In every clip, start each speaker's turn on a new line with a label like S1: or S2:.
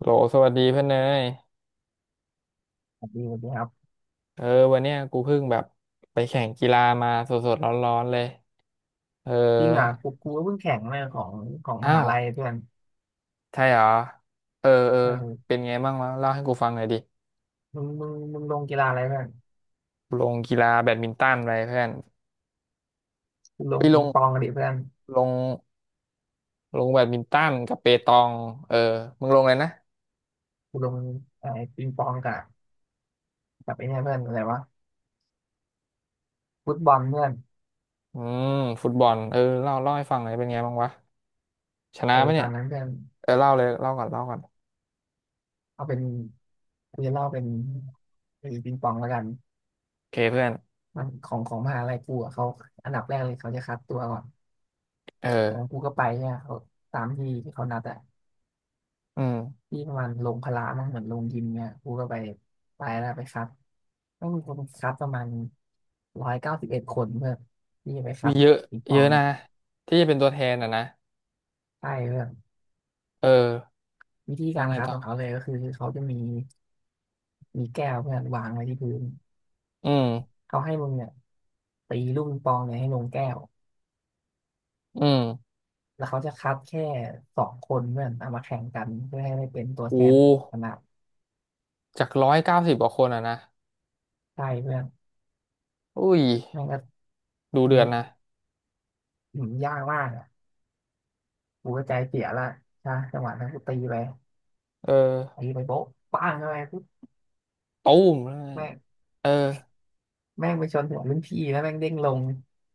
S1: โหลสวัสดีเพื่อนเนย
S2: สวัสดีสวัสดีครับ
S1: เออวันเนี้ยกูเพิ่งแบบไปแข่งกีฬามาสดๆร้อนๆเลยเออ
S2: จริงอ่ะกูก็เพิ่งแข่งมาของม
S1: อ้า
S2: หา
S1: ว
S2: ลัยเพื่อน
S1: ใช่เหรอเออเออ
S2: เออ
S1: เป็นไงบ้างวะเล่าให้กูฟังหน่อยดิ
S2: มึงลงกีฬาอะไรเพื่อน
S1: ลงกีฬาแบดมินตันไปเพื่อน
S2: กูล
S1: ไป
S2: ง
S1: ล
S2: ปิง
S1: ง
S2: ปองกันดิเพื่อน
S1: ลงลงแบดมินตันกับเปตองเออมึงลงเลยนะ
S2: กูลงไอ้ปิงปองกับไอ้เนี่ยเพื่อนอะไรวะฟุตบอลเพื่อน
S1: อืมฟุตบอลเออเล่าเล่าให้ฟังหน่อยเป็นไงบ้างวะชนะ
S2: ไอ้
S1: ปะ
S2: ต
S1: เนี่
S2: อ
S1: ย
S2: นนั้นเพื่อน
S1: เออเล่าเลยเล่าก่อนเล่าก่อน
S2: เอาเป็นกูจะเล่าเป็นไอ้ปิงปองแล้วกัน
S1: โอเคเพื่อน
S2: มันของมหาลัยกูอ่ะเขาอันดับแรกเลยเขาจะคัดตัวก่อนของ
S1: เออ
S2: กูก็ไปเนี่ยเขาตามที่ที่เขานัดอ่ะ
S1: อืม
S2: ที่มันลงพละมั้งเหมือนลงยิมเนี่ยกูก็ไปแล้วไปครับต้องมีคนครับประมาณ191 คนเพื่อที่จะไปค
S1: มี
S2: รับ
S1: เยอะ
S2: ปิงป
S1: เย
S2: อง
S1: อะ
S2: เนี่
S1: นะ
S2: ย
S1: ที่จะเป็นตัวแทนอ่ะนะ
S2: ใช่เพื่อน
S1: เออ
S2: วิธี
S1: แล้ว
S2: การ
S1: ไง
S2: ครับ
S1: ต่
S2: ของ
S1: อ
S2: เขาเลยก็คือเขาจะมีมีแก้วเพื่อนวางไว้ที่พื้น
S1: อืม
S2: เขาให้มึงเนี่ยตีลูกปิงปองเนี่ยให้ลงแก้ว
S1: อืม
S2: แล้วเขาจะคัดแค่สองคนเพื่อนเอามาแข่งกันเพื่อให้ได้เป็นตัว
S1: โอ้
S2: แทนของคณะ
S1: จาก190 กว่าคนอ่ะนะ
S2: ใช่เพื่อน
S1: อุ้ย
S2: แม่งก็
S1: ดู
S2: ที
S1: เดือด
S2: นี้
S1: นะ
S2: ยากมากอ่ะกูก็ใจเสียละใช่จังหวะนั้นกูตีไป
S1: เออ
S2: ตีไปโป๊ะปังอะไรปุ๊บ
S1: ตูมเลย
S2: แม่ง
S1: เออ
S2: แม่งไปชนหัวรุ่นพี่แล้วแม่งเด้งลง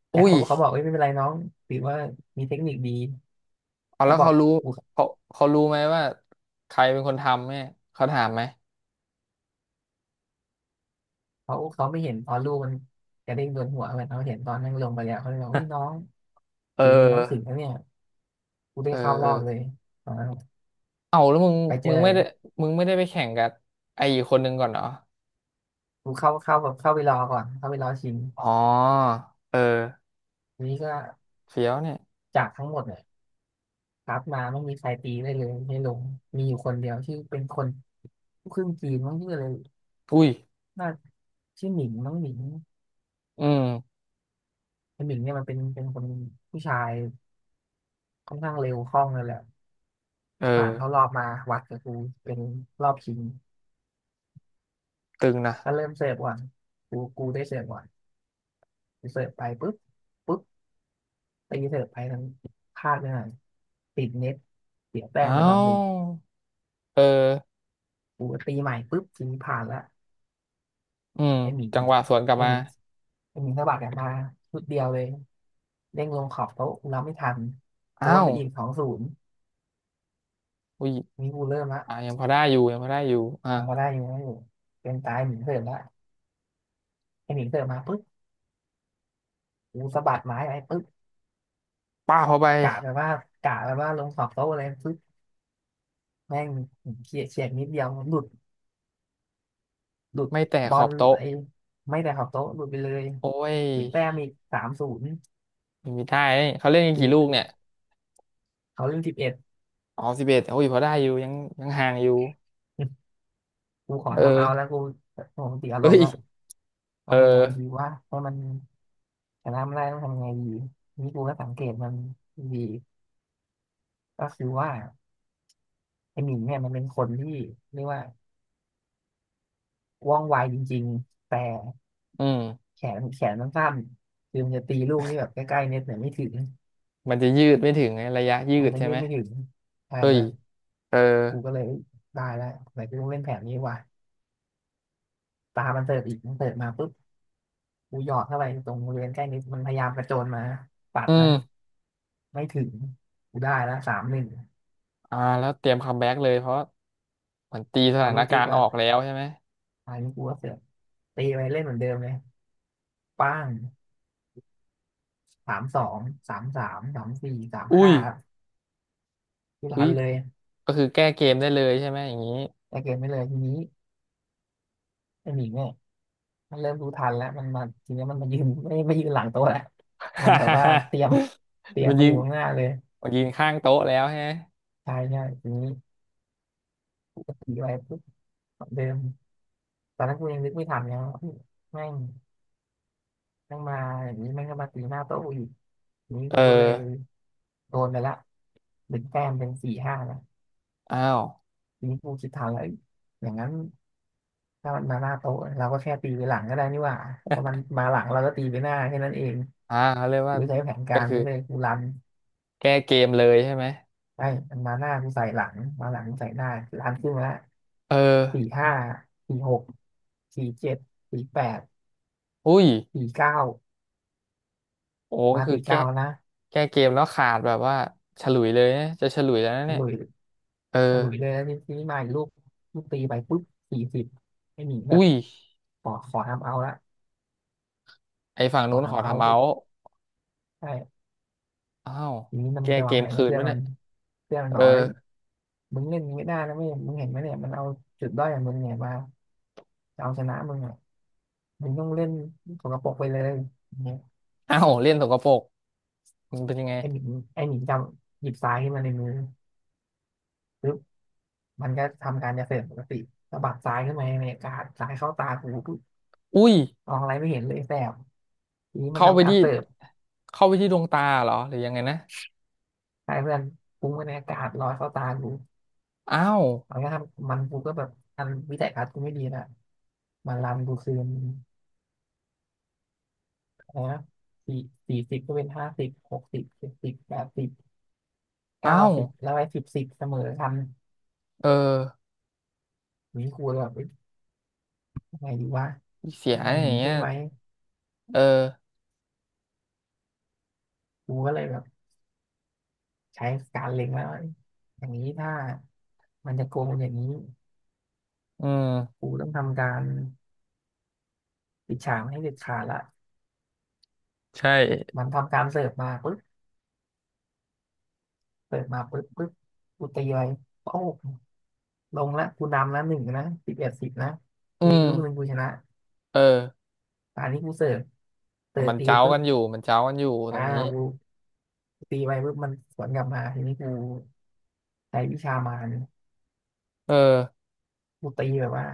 S2: แต่
S1: อุ้ย
S2: เขาบอกเอ้ยไม่เป็นไรน้องถือว่ามีเทคนิคดี
S1: เอา
S2: เขา
S1: แล้ว
S2: บอ
S1: เขา
S2: ก
S1: รู้เขาเขารู้ไหมว่าใครเป็นคนทำเนี่ยเขาถามไหม
S2: เขาเขาไม่เห็นตอนลูกมันกระเด้งโดนหัวเหมือนเขาเห็นตอนนั่งลงไปแล้วเขาเลยบอกอุ้ยน้อ ง
S1: เออ
S2: ฝีมือน้องสึกนะเนี่ยกูได้
S1: เออ
S2: เข้า
S1: เอ
S2: ร
S1: อ
S2: อบเลยตอนนั้น
S1: เอาแล้วมึง
S2: ไปเจ
S1: มึ
S2: อ
S1: งไม่ได้มึงไม่ได้ไปแข่งกับไอ้อีกคนนึงก่อนเหรอ
S2: กูเข้าแบบเข้าไปรอก่อนเข้าไปรอชิง
S1: อ๋อเออ
S2: ทีนี้ก็
S1: เฟี้ยวเนี่ย
S2: จากทั้งหมดเนี่ยครับมาไม่มีใครตีได้เลยไม่ลงมีอยู่คนเดียวที่เป็นคนลูกครึ่งจีนมั้งชื่ออะไร
S1: อุ้ย
S2: น่าชื่อหมิงน้องหมิง
S1: อืม
S2: คุณหมิงเนี่ยมันเป็นคนผู้ชายค่อนข้างเร็วคล่องเลยแหละ
S1: เออ
S2: ผ่านเข้ารอบมาวัดกับกูเป็นรอบชิง
S1: ตึงนะ
S2: ก็เริ่มเสิร์ฟก่อนกูได้เสิร์ฟก่อนกูเสิร์ฟไปปุ๊บปุ๊บตีเสิร์ฟไปทั้งพลาดไปหน่อยติดเน็ตเสียแต้ม
S1: เอ้า
S2: ไปรอบหนึ่ง
S1: เออ
S2: กูก็ตีใหม่ปุ๊บทีนี้ผ่านละ
S1: อืม
S2: ไอหมิง
S1: จังหวะสวนกลับ
S2: ไอ
S1: มา
S2: หมิงไอหมิงสะบัดกลับมาชุดเดียวเลยเด้งลงขอบโต๊ะกูรบไม่ทันโด
S1: อ้า
S2: น
S1: ว
S2: ไปอีก2-0
S1: อุ้ย
S2: นี่กูเริ่มละ
S1: อ่ะยังพอได้อยู่ยังพอได้อยู่อ่ะ
S2: ยังพอได้อยู่ังไม่อยู่เป็นตายหมิงเสิร์ฟละไอหมิงเสิร์ฟมาปุ๊บ กูสะบัดไม้ไปปึ๊บ
S1: ป้าบเข้าไป
S2: กะแบบว่ากะแบบว่าลงขอบโต๊ะอะไรปึ๊บแม่งเฉียดเฉียดนิดเดียวหลุด
S1: ไม่แตะ
S2: บ
S1: ข
S2: อ
S1: อ
S2: ล
S1: บโต๊ะ
S2: ไอ้ไม่แต่ขอบโต๊ะหลุดไปเลย
S1: โอ้ย
S2: เสียแต้มอีก3-0
S1: ไม่มีได้นี่เขาเล่นกัน
S2: ที
S1: กี่
S2: นี้
S1: ลู
S2: กู
S1: กเนี่ย
S2: เขาเล่นสิบเอ็ด
S1: อ๋อ11โอ้ยพอได้อยู่ยังยังห่างอยู่
S2: กูขอ
S1: เอ
S2: ทำเอาแล้
S1: อ
S2: วกูโอ้โหติดอารม
S1: เฮ้
S2: ณ์
S1: ย
S2: แล้ว
S1: เออ
S2: ทำยังไงดีว่าให้มันชนะไม่ได้ต้องทำยังไงดีนี่กูก็สังเกตมันดีก็คือว่าไอ้หมิงเนี่ยมันเป็นคนที่เรียกว่าว่องไวจริงๆแต่
S1: อืม
S2: แขนมันสั้นคือมันจะตีลูกที่แบบใกล้ๆเน็ตเนี่ยไม่ถึง
S1: มันจะยืดไม่ถึงไงระยะยื
S2: มัน
S1: ด
S2: จะ
S1: ใช่
S2: ยื
S1: ไห
S2: ด
S1: ม
S2: ไม่ถึงใช่
S1: เฮ้ย
S2: มาก
S1: เออ
S2: กูก็เลยเอ้ยได้แล้วไหนกูต้องเล่นแผนนี้ว่ะตามันเสิร์ฟอีกมันเสิร์ฟมาปุ๊บกูหยอดเข้าไปตรงบริเวณใกล้เน็ตมันพยายามกระโจนมาปัด
S1: อื
S2: นะ
S1: ม
S2: ไม่ถึงกูได้แล้ว3-1
S1: อ่าแล้วเตรียมคัมแบ็กเลยเพราะเหมือนตีส
S2: พอ
S1: ถา
S2: ลู
S1: น
S2: ก
S1: กา
S2: ทิก
S1: รณ์อ
S2: แล้
S1: อ
S2: ว
S1: กแล้วใช่ไหม
S2: อันนี้กูก็เสิร์ฟตีไปเล่นเหมือนเดิมเลยป้าง3-23-33-4สาม
S1: อุ้ย
S2: ห้าทุก
S1: อุ้
S2: รั
S1: ย
S2: นเลย
S1: ก็คือแก้เกมได้เลยใช่ไหมอย่างนี้
S2: แต่เกิไม่เลยทีนี้ไอ้หนิงเนี่ย มันเริ่มรู้ทันแล้วมันมาทีนี้มันมายืนไม่ยืนหลังโต๊ะแล้วมันแบบว่าเต รียมเตรียม
S1: มัน
S2: มา
S1: ยิ
S2: อ
S1: ง
S2: ยู่ข้างหน้าเลย
S1: มันยิงข้างโต๊ะแล้วใช่ไหม
S2: ใช่ใช่ทีนี้ขี่ไปปุ๊บเหมือนเดิมตอนนั้นกูยังนึกไม่ทันไงว่าเฮ้ยแม่งแม่งมาอย่างนี้แม่งก็มาตีหน้าโต๊ะกูอีกทีนี้
S1: เอ
S2: กู
S1: อ
S2: ก็เลยโดนไปละหนึ่งแต้มเป็น4-5นะ
S1: อ้าว
S2: ทีนี้กูคิดทันแล้วเอ้ยอย่างนั้นถ้ามันมาหน้าโต๊ะเราก็แค่ตีไปหลังก็ได้นี่หว่าถ้ามันมาหลังเราก็ตีไปหน้าแค่นั้นเอง
S1: อ่าเขาเรียก
S2: กู
S1: ว่า
S2: ใช้แผนกา
S1: ก็
S2: ร
S1: คือ
S2: นี้เลยกูรัน
S1: แก้เกมเลยใช่ไหม
S2: ใช่มันมาหน้ากูใส่หลังมาหลังกูใส่หน้าร้านขึ้นมาละ
S1: เออ
S2: สี่ห้าสี่หกสี่เจ็ดสี่แปด
S1: อุ้ย
S2: สี่เก้า
S1: โอ้ก็
S2: มา
S1: คือ
S2: สี่
S1: แก้
S2: เก้านะ
S1: แก้เกมแล้วขาดแบบว่าฉลุยเลยนะจะฉลุยแล้วนะ
S2: ฉ
S1: เนี่ย
S2: ลุย
S1: เออ
S2: ฉลุยเลยแล้วทีนี้มาอีกลูกลูกตีไปปุ๊บสี่สิบไม่หนีแบบ
S1: อุ้ย
S2: ขอทำเอาละ
S1: ไอฝั่ง
S2: ขอ
S1: นู้นขอ
S2: ทำเอา
S1: ทำเอา
S2: ปุ๊บ
S1: ท์
S2: ใช่
S1: อ้าว
S2: ทีนี้มัน
S1: แก้
S2: ไป
S1: เก
S2: วาง
S1: ม
S2: แผนกั
S1: คื
S2: บ
S1: น
S2: เพื่อน
S1: ปะ
S2: มั
S1: เนี่
S2: น
S1: ย
S2: เพื่อนมัน
S1: เอ
S2: บอ
S1: อ
S2: กเฮ้ยมึงเล่นอย่างนี้ไม่ได้นะไม่มึงเห็นไหมเนี่ยมันเอาจุดด้อยของมึงเนี่ยมาจะเอาชนะมึงอ่ะมึงต้องเล่นสกปรกไปเลยอย่างเนี่ย
S1: อ้าวเล่นสกปรกมันเป็นยังไง
S2: ไอหมิงไอหมิงจำหยิบทรายขึ้นมาในมือปึ๊บ มันก็ทำการเกษตรปกติสะบัดซ้ายขึ้นมาในอากาศซ้ายเข้าตากูปุ๊บ
S1: อุ้ย
S2: มองอะไรไม่เห็นเลยแสบทีนี้มัน
S1: เข้าไป
S2: ทำการ
S1: ที่
S2: เสิร์ฟ
S1: เข้าไปที่ดวงตาเหรอหรือยังไงนะ
S2: ใช้เพื่อนฟุ้งไปในอากาศลอยเข้าตากู
S1: อ้าว
S2: มันก็ทำมันกูก็แบบอันวิสัยทัศกูไม่ดีนะมันรันกูคืนอะไรนะสี่สี่สิบก็เป็นห้าสิบหกสิบเจ็ดสิบแปดสิบเก้า
S1: อ้าว
S2: สิบแล้วไอ้สิบสิบเสมอกัน
S1: เออ
S2: อย่นี้กูยแบบเอ้ยยังไงดีวะ
S1: เสีย
S2: อัน
S1: อย่าง
S2: นี้
S1: เงี้
S2: ใช่
S1: ย
S2: ไหม
S1: เออ
S2: กูก็เลยแบบใช้การเล็งแล้วาอย่างนี้ถ้ามันจะโกงอย่างนี้
S1: อืม
S2: ครูต้องทำการปิดฉากให้เด็ดขาดละ
S1: ใช่
S2: มันทำการเสิร์ฟมาปุ๊บเสิร์ฟมาปุ๊บปุ๊บกูตีไปโอ้โหลงละกูนำละหนึ่งนะสิบเอ็ดสิบนะเหลื
S1: อื
S2: ออีก
S1: ม
S2: ลูกหนึ่งกูชนะ
S1: เออ
S2: ตอนนี้กูเสิร์ฟเสิร์ฟ
S1: มัน
S2: ตี
S1: เจ้า
S2: ปุ๊
S1: กั
S2: บ
S1: นอยู่มันเจ้ากันอยู่ต
S2: อ่า
S1: อนนี้
S2: กูตีไปปุ๊บมันสวนกลับมาทีนี้กูใช้วิชามาร
S1: เออ
S2: กูตีแบบว่า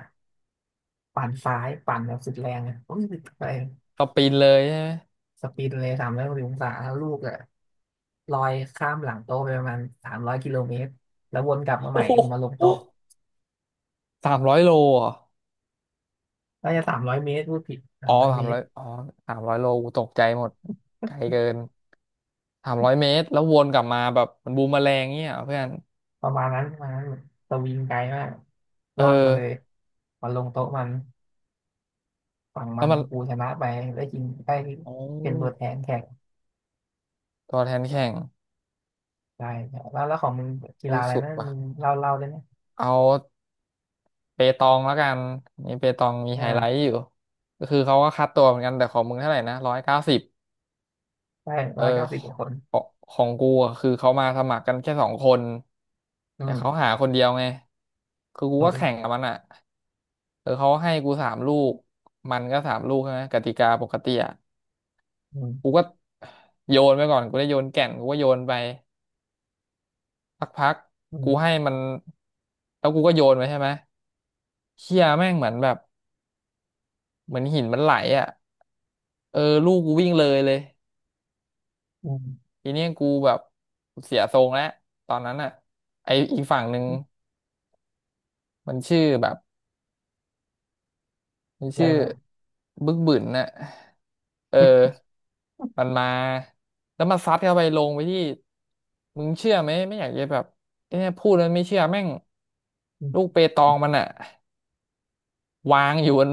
S2: ปั่นซ้ายปั่นแบบสุดแรงอ่ะปุ๊บไป
S1: ก็ปีนเลยใช่ไหม
S2: สปินเลย360 องศาแล้วลูกอ่ะลอยข้ามหลังโต๊ะไปประมาณ300 กิโลเมตรแล้ววนกลับมาให
S1: โอ้
S2: ม่
S1: โห
S2: คือมาลงโต๊ะ
S1: 300 โลเหรอ
S2: น่าจะ300 เมตรพูดผิดสา
S1: อ๋อ
S2: มร้อย
S1: สา
S2: เม
S1: มร้
S2: ต
S1: อย
S2: ร
S1: อ๋อสามร้อยโลกูตกใจหมดไกลเกิน300 เมตรแล้ววนกลับมาแบบมันบูมแมอแรงเงี้ยเหรอเพื่อน
S2: ประมาณนั้นประมาณนั้นสวิงไกลมาก
S1: เอ
S2: ล่อนมา
S1: อ
S2: เลยมาลงโต๊ะมันฝั่ง
S1: แล้
S2: มั
S1: ว
S2: น
S1: มัน
S2: กูชนะไปได้กินได้
S1: โอ้
S2: เป็นตัวแทนแข่ง
S1: ตัวแทนแข่ง
S2: ได้แล้วแล้วของมึงกี
S1: โอ้
S2: ฬา
S1: ย
S2: อะไร
S1: สุด
S2: นะ
S1: ว่ะ
S2: มึงเล่าเล่าได้ไหม
S1: เอาเปตองแล้วกันนี่เปตองมี
S2: อ่
S1: ไฮไลท์
S2: า
S1: อยู่ก็คือเขาก็คัดตัวเหมือนกันแต่ของมึงเท่าไหร่นะร้อยเก้าสิบ
S2: ได้
S1: เอ
S2: ร้
S1: อ
S2: อยเก้า
S1: ข
S2: สิบกว่าคน
S1: องของกูอะคือเขามาสมัครกันแค่2 คน
S2: อื
S1: แต่เขา
S2: ม
S1: หาคนเดียวไงคือกู
S2: ออ
S1: ก็แข่ง
S2: เค
S1: กับมันอ่ะเออเขาให้กูสามลูกมันก็สามลูกใช่ไหมกติกาปกติอ่ะ
S2: อื
S1: กู
S2: ม
S1: ก็โยนไปก่อนกูได้โยนแก่นกูก็โยนไปสักพัก
S2: อื
S1: กู
S2: ม
S1: ให้มันแล้วกูก็โยนไปใช่ไหมเชี่ยแม่งเหมือนแบบเหมือนหินมันไหลอ่ะเออลูกกูวิ่งเลยเลย
S2: อืม
S1: ทีเนี้ยกูแบบเสียทรงแล้วตอนนั้นอ่ะไออีกฝั่งหนึ่ง มันชื่อแบบมัน
S2: อะไร
S1: ชื่อ
S2: แบบ
S1: บึกบึนน่ะ เออมันมาแล้วมันซัดเข้าไปลงไปที่มึงเชื่อไหมไม่อยากจะแบบเนี่ยพูดแล้วไม่เชื่อแม่งลูกเปตองมันอะวางอยู่บน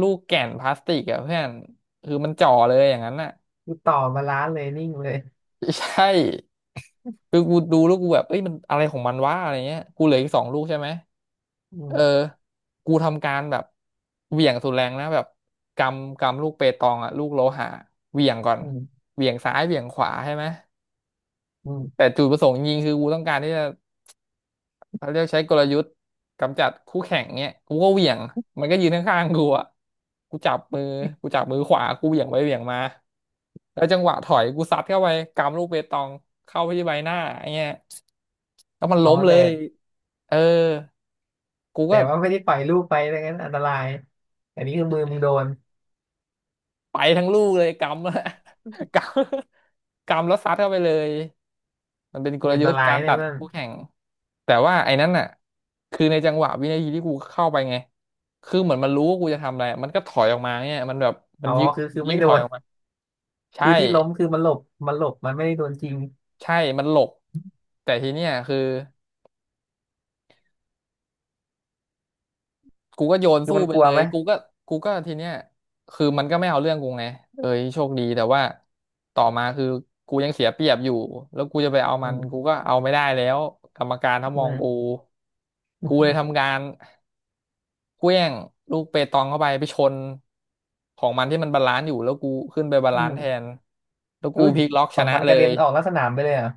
S1: ลูกแก่นพลาสติกอะเพื่อนคือมันจ่อเลยอย่างนั้นน่ะ
S2: กู ต่อมาล้านเลยนิ่งเลย
S1: ใช่ คือกูดูแล้วกูแบบเอ้ยมันอะไรของมันวะอะไรเงี้ยกูเหลืออีก2 ลูกใช่ไหม
S2: อื
S1: เออ
S2: ม
S1: กูทำการแบบเหวี่ยงสุดแรงนะแบบกำกำลูกเปตองอะลูกโลหะเหวี่ยงก่อน
S2: อืม
S1: เหวี่ยงซ้ายเหวี่ยงขวาใช่ไหม
S2: อื
S1: แต่
S2: ม
S1: จุดประสงค์จริงๆคือกูต้องการที่จะเขาเรียกใช้กลยุทธ์กำจัดคู่แข่งเนี้ยกูก็เหวี่ยงมันก็ยืนข้างๆกูอะกูจับมือกูจับมือขวากูเหวี่ยงไปเหวี่ยงมาแล้วจังหวะถอยกูซัดเข้าไปกำลูกเปตองเข้าไปที่ใบหน้าไอ้เงี้ย ก็มัน
S2: อ๋อ
S1: ล้มเล
S2: แต่
S1: ยเออกูก็
S2: ว่าไม่ได้ปล่อยลูกไปดังนั้นอันตรายอันนี้คือมือมึงโดน
S1: ไปทั้งลูกเลยกำแล้ว กำกำแล้วซัดเข้าไปเลย มันเป็นก
S2: มื
S1: ล
S2: ออัน
S1: ยุ
S2: ต
S1: ทธ์
S2: ราย
S1: การ
S2: เนี่
S1: ตั
S2: ย
S1: ด
S2: เพื่อน
S1: คู่แข่งแต่ว่าไอ้นั้นน่ะคือในจังหวะวินาทีที่กูเข้าไปไง คือเหมือนมันรู้ว่ากูจะทำอะไร มันก็ถอยออกมาเนี่ยมันแบบมั
S2: อ๋
S1: น
S2: อ
S1: ยึก
S2: คือ
S1: มั
S2: คือ
S1: นยึ
S2: ไม่
S1: ก
S2: โด
S1: ถอย
S2: น
S1: ออกมา ใช่
S2: คือที่ล้มคือมันหลบมันหลบมันไม่ได้โดนจริง
S1: ใช่มันหลบแต่ทีเนี้ยคือ กูก็โยน
S2: คือ
S1: สู้
S2: มัน
S1: ไป
S2: กลัว
S1: เลย
S2: ไหม
S1: กูก็กูก็ทีเนี้ยคือมันก็ไม่เอาเรื่องกูไงเอ้ยโชคดีแต่ว่าต่อมาคือกูยังเสียเปรียบอยู่แล้วกูจะไปเอามั
S2: อื
S1: นกู
S2: ม
S1: ก็เอาไม่ได้แล้วกรรมการถ้า
S2: อื
S1: มองกู
S2: ม
S1: กูเลยทำ การเขว้งลูกเปตองเข้าไปไปชนของมันที่มันบาลานซ์อยู่แล้วกูขึ้นไปบา
S2: อื
S1: ลานซ์แท
S2: ม
S1: นแล้วกู
S2: อุ้ย
S1: พลิกล็อก
S2: ข
S1: ช
S2: อง
S1: นะ
S2: มัน
S1: เล
S2: กระเด็
S1: ย
S2: นออกนอกสนามไปเลยเหรอ่ะ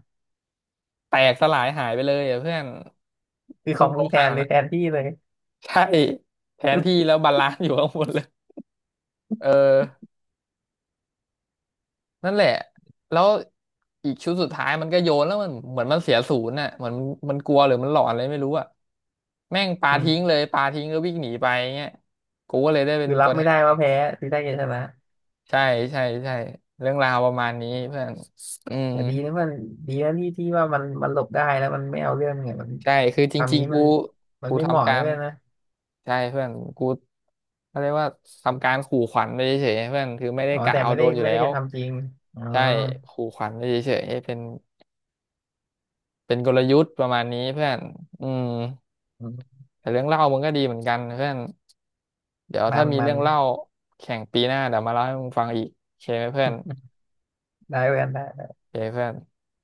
S1: แตกสลายหายไปเลยอะเพื่อน
S2: คือข
S1: ลู
S2: อ
S1: ก
S2: ง
S1: โล
S2: มึงแท
S1: หะ
S2: นเลย
S1: นะ
S2: แทนที่เลย
S1: ใช่แทนที่แล้ วบาลานซ์อยู่ข้างบนเลยเออ นั่นแหละแล้วอีกชุดสุดท้ายมันก็โยนแล้วมันเหมือนมันเสียศูนย์น่ะเหมือนมันกลัวหรือมันหลอนอะไรไม่รู้อ่ะแม่งปา
S2: อื
S1: ทิ้ง
S2: ม
S1: เลยปาทิ้งก็วิ่งหนีไปเงี้ยกูก็เลยได้เป็น
S2: คือรั
S1: ตั
S2: บ
S1: วแท
S2: ไม่
S1: น
S2: ได้ว่าแพ้คือได้แค่ชนะ
S1: ใช่ใช่ใช่เรื่องราวประมาณนี้เพื่อนอืม
S2: แต่ดีนะมันดีนะที่ที่ว่ามันมันหลบได้แล้วมันไม่เอาเรื่องเนี่ยมัน
S1: ใช่คือจ
S2: ทำ
S1: ริง
S2: งี้
S1: ๆ
S2: มั
S1: กู
S2: นมัน
S1: กู
S2: ไม่เหมาะ
S1: ทำกา
S2: เลย
S1: ร
S2: เว้ยนะ
S1: ใช่เพื่อนกูเขาเรียกว่าทำการขู่ขวัญไปเฉยๆเพื่อนคือไม่ได้
S2: อ๋อ
S1: กะ
S2: แต่
S1: เอา
S2: ไม่
S1: โด
S2: ได้
S1: นอยู่
S2: ไม่
S1: แล้
S2: ได้
S1: ว
S2: จะทำจริงอ๋อ
S1: ใช่ขู่ขวัญไปเฉยๆเป็น เป็นกลยุทธ์ประมาณนี้เพื่อนอืม
S2: อืม
S1: แต่เรื่องเล่ามึงก็ดีเหมือนกันเพื่อนเดี๋ยว
S2: มั
S1: ถ้า
S2: น
S1: มี
S2: มั
S1: เรื่
S2: น
S1: องเล่าแข่งปีหน้าเดี๋ยวมาเล่าให้มึงฟังอีกโอเคไหมเพื่อน
S2: ได้เพื่อนได้
S1: โอเคเพื่อน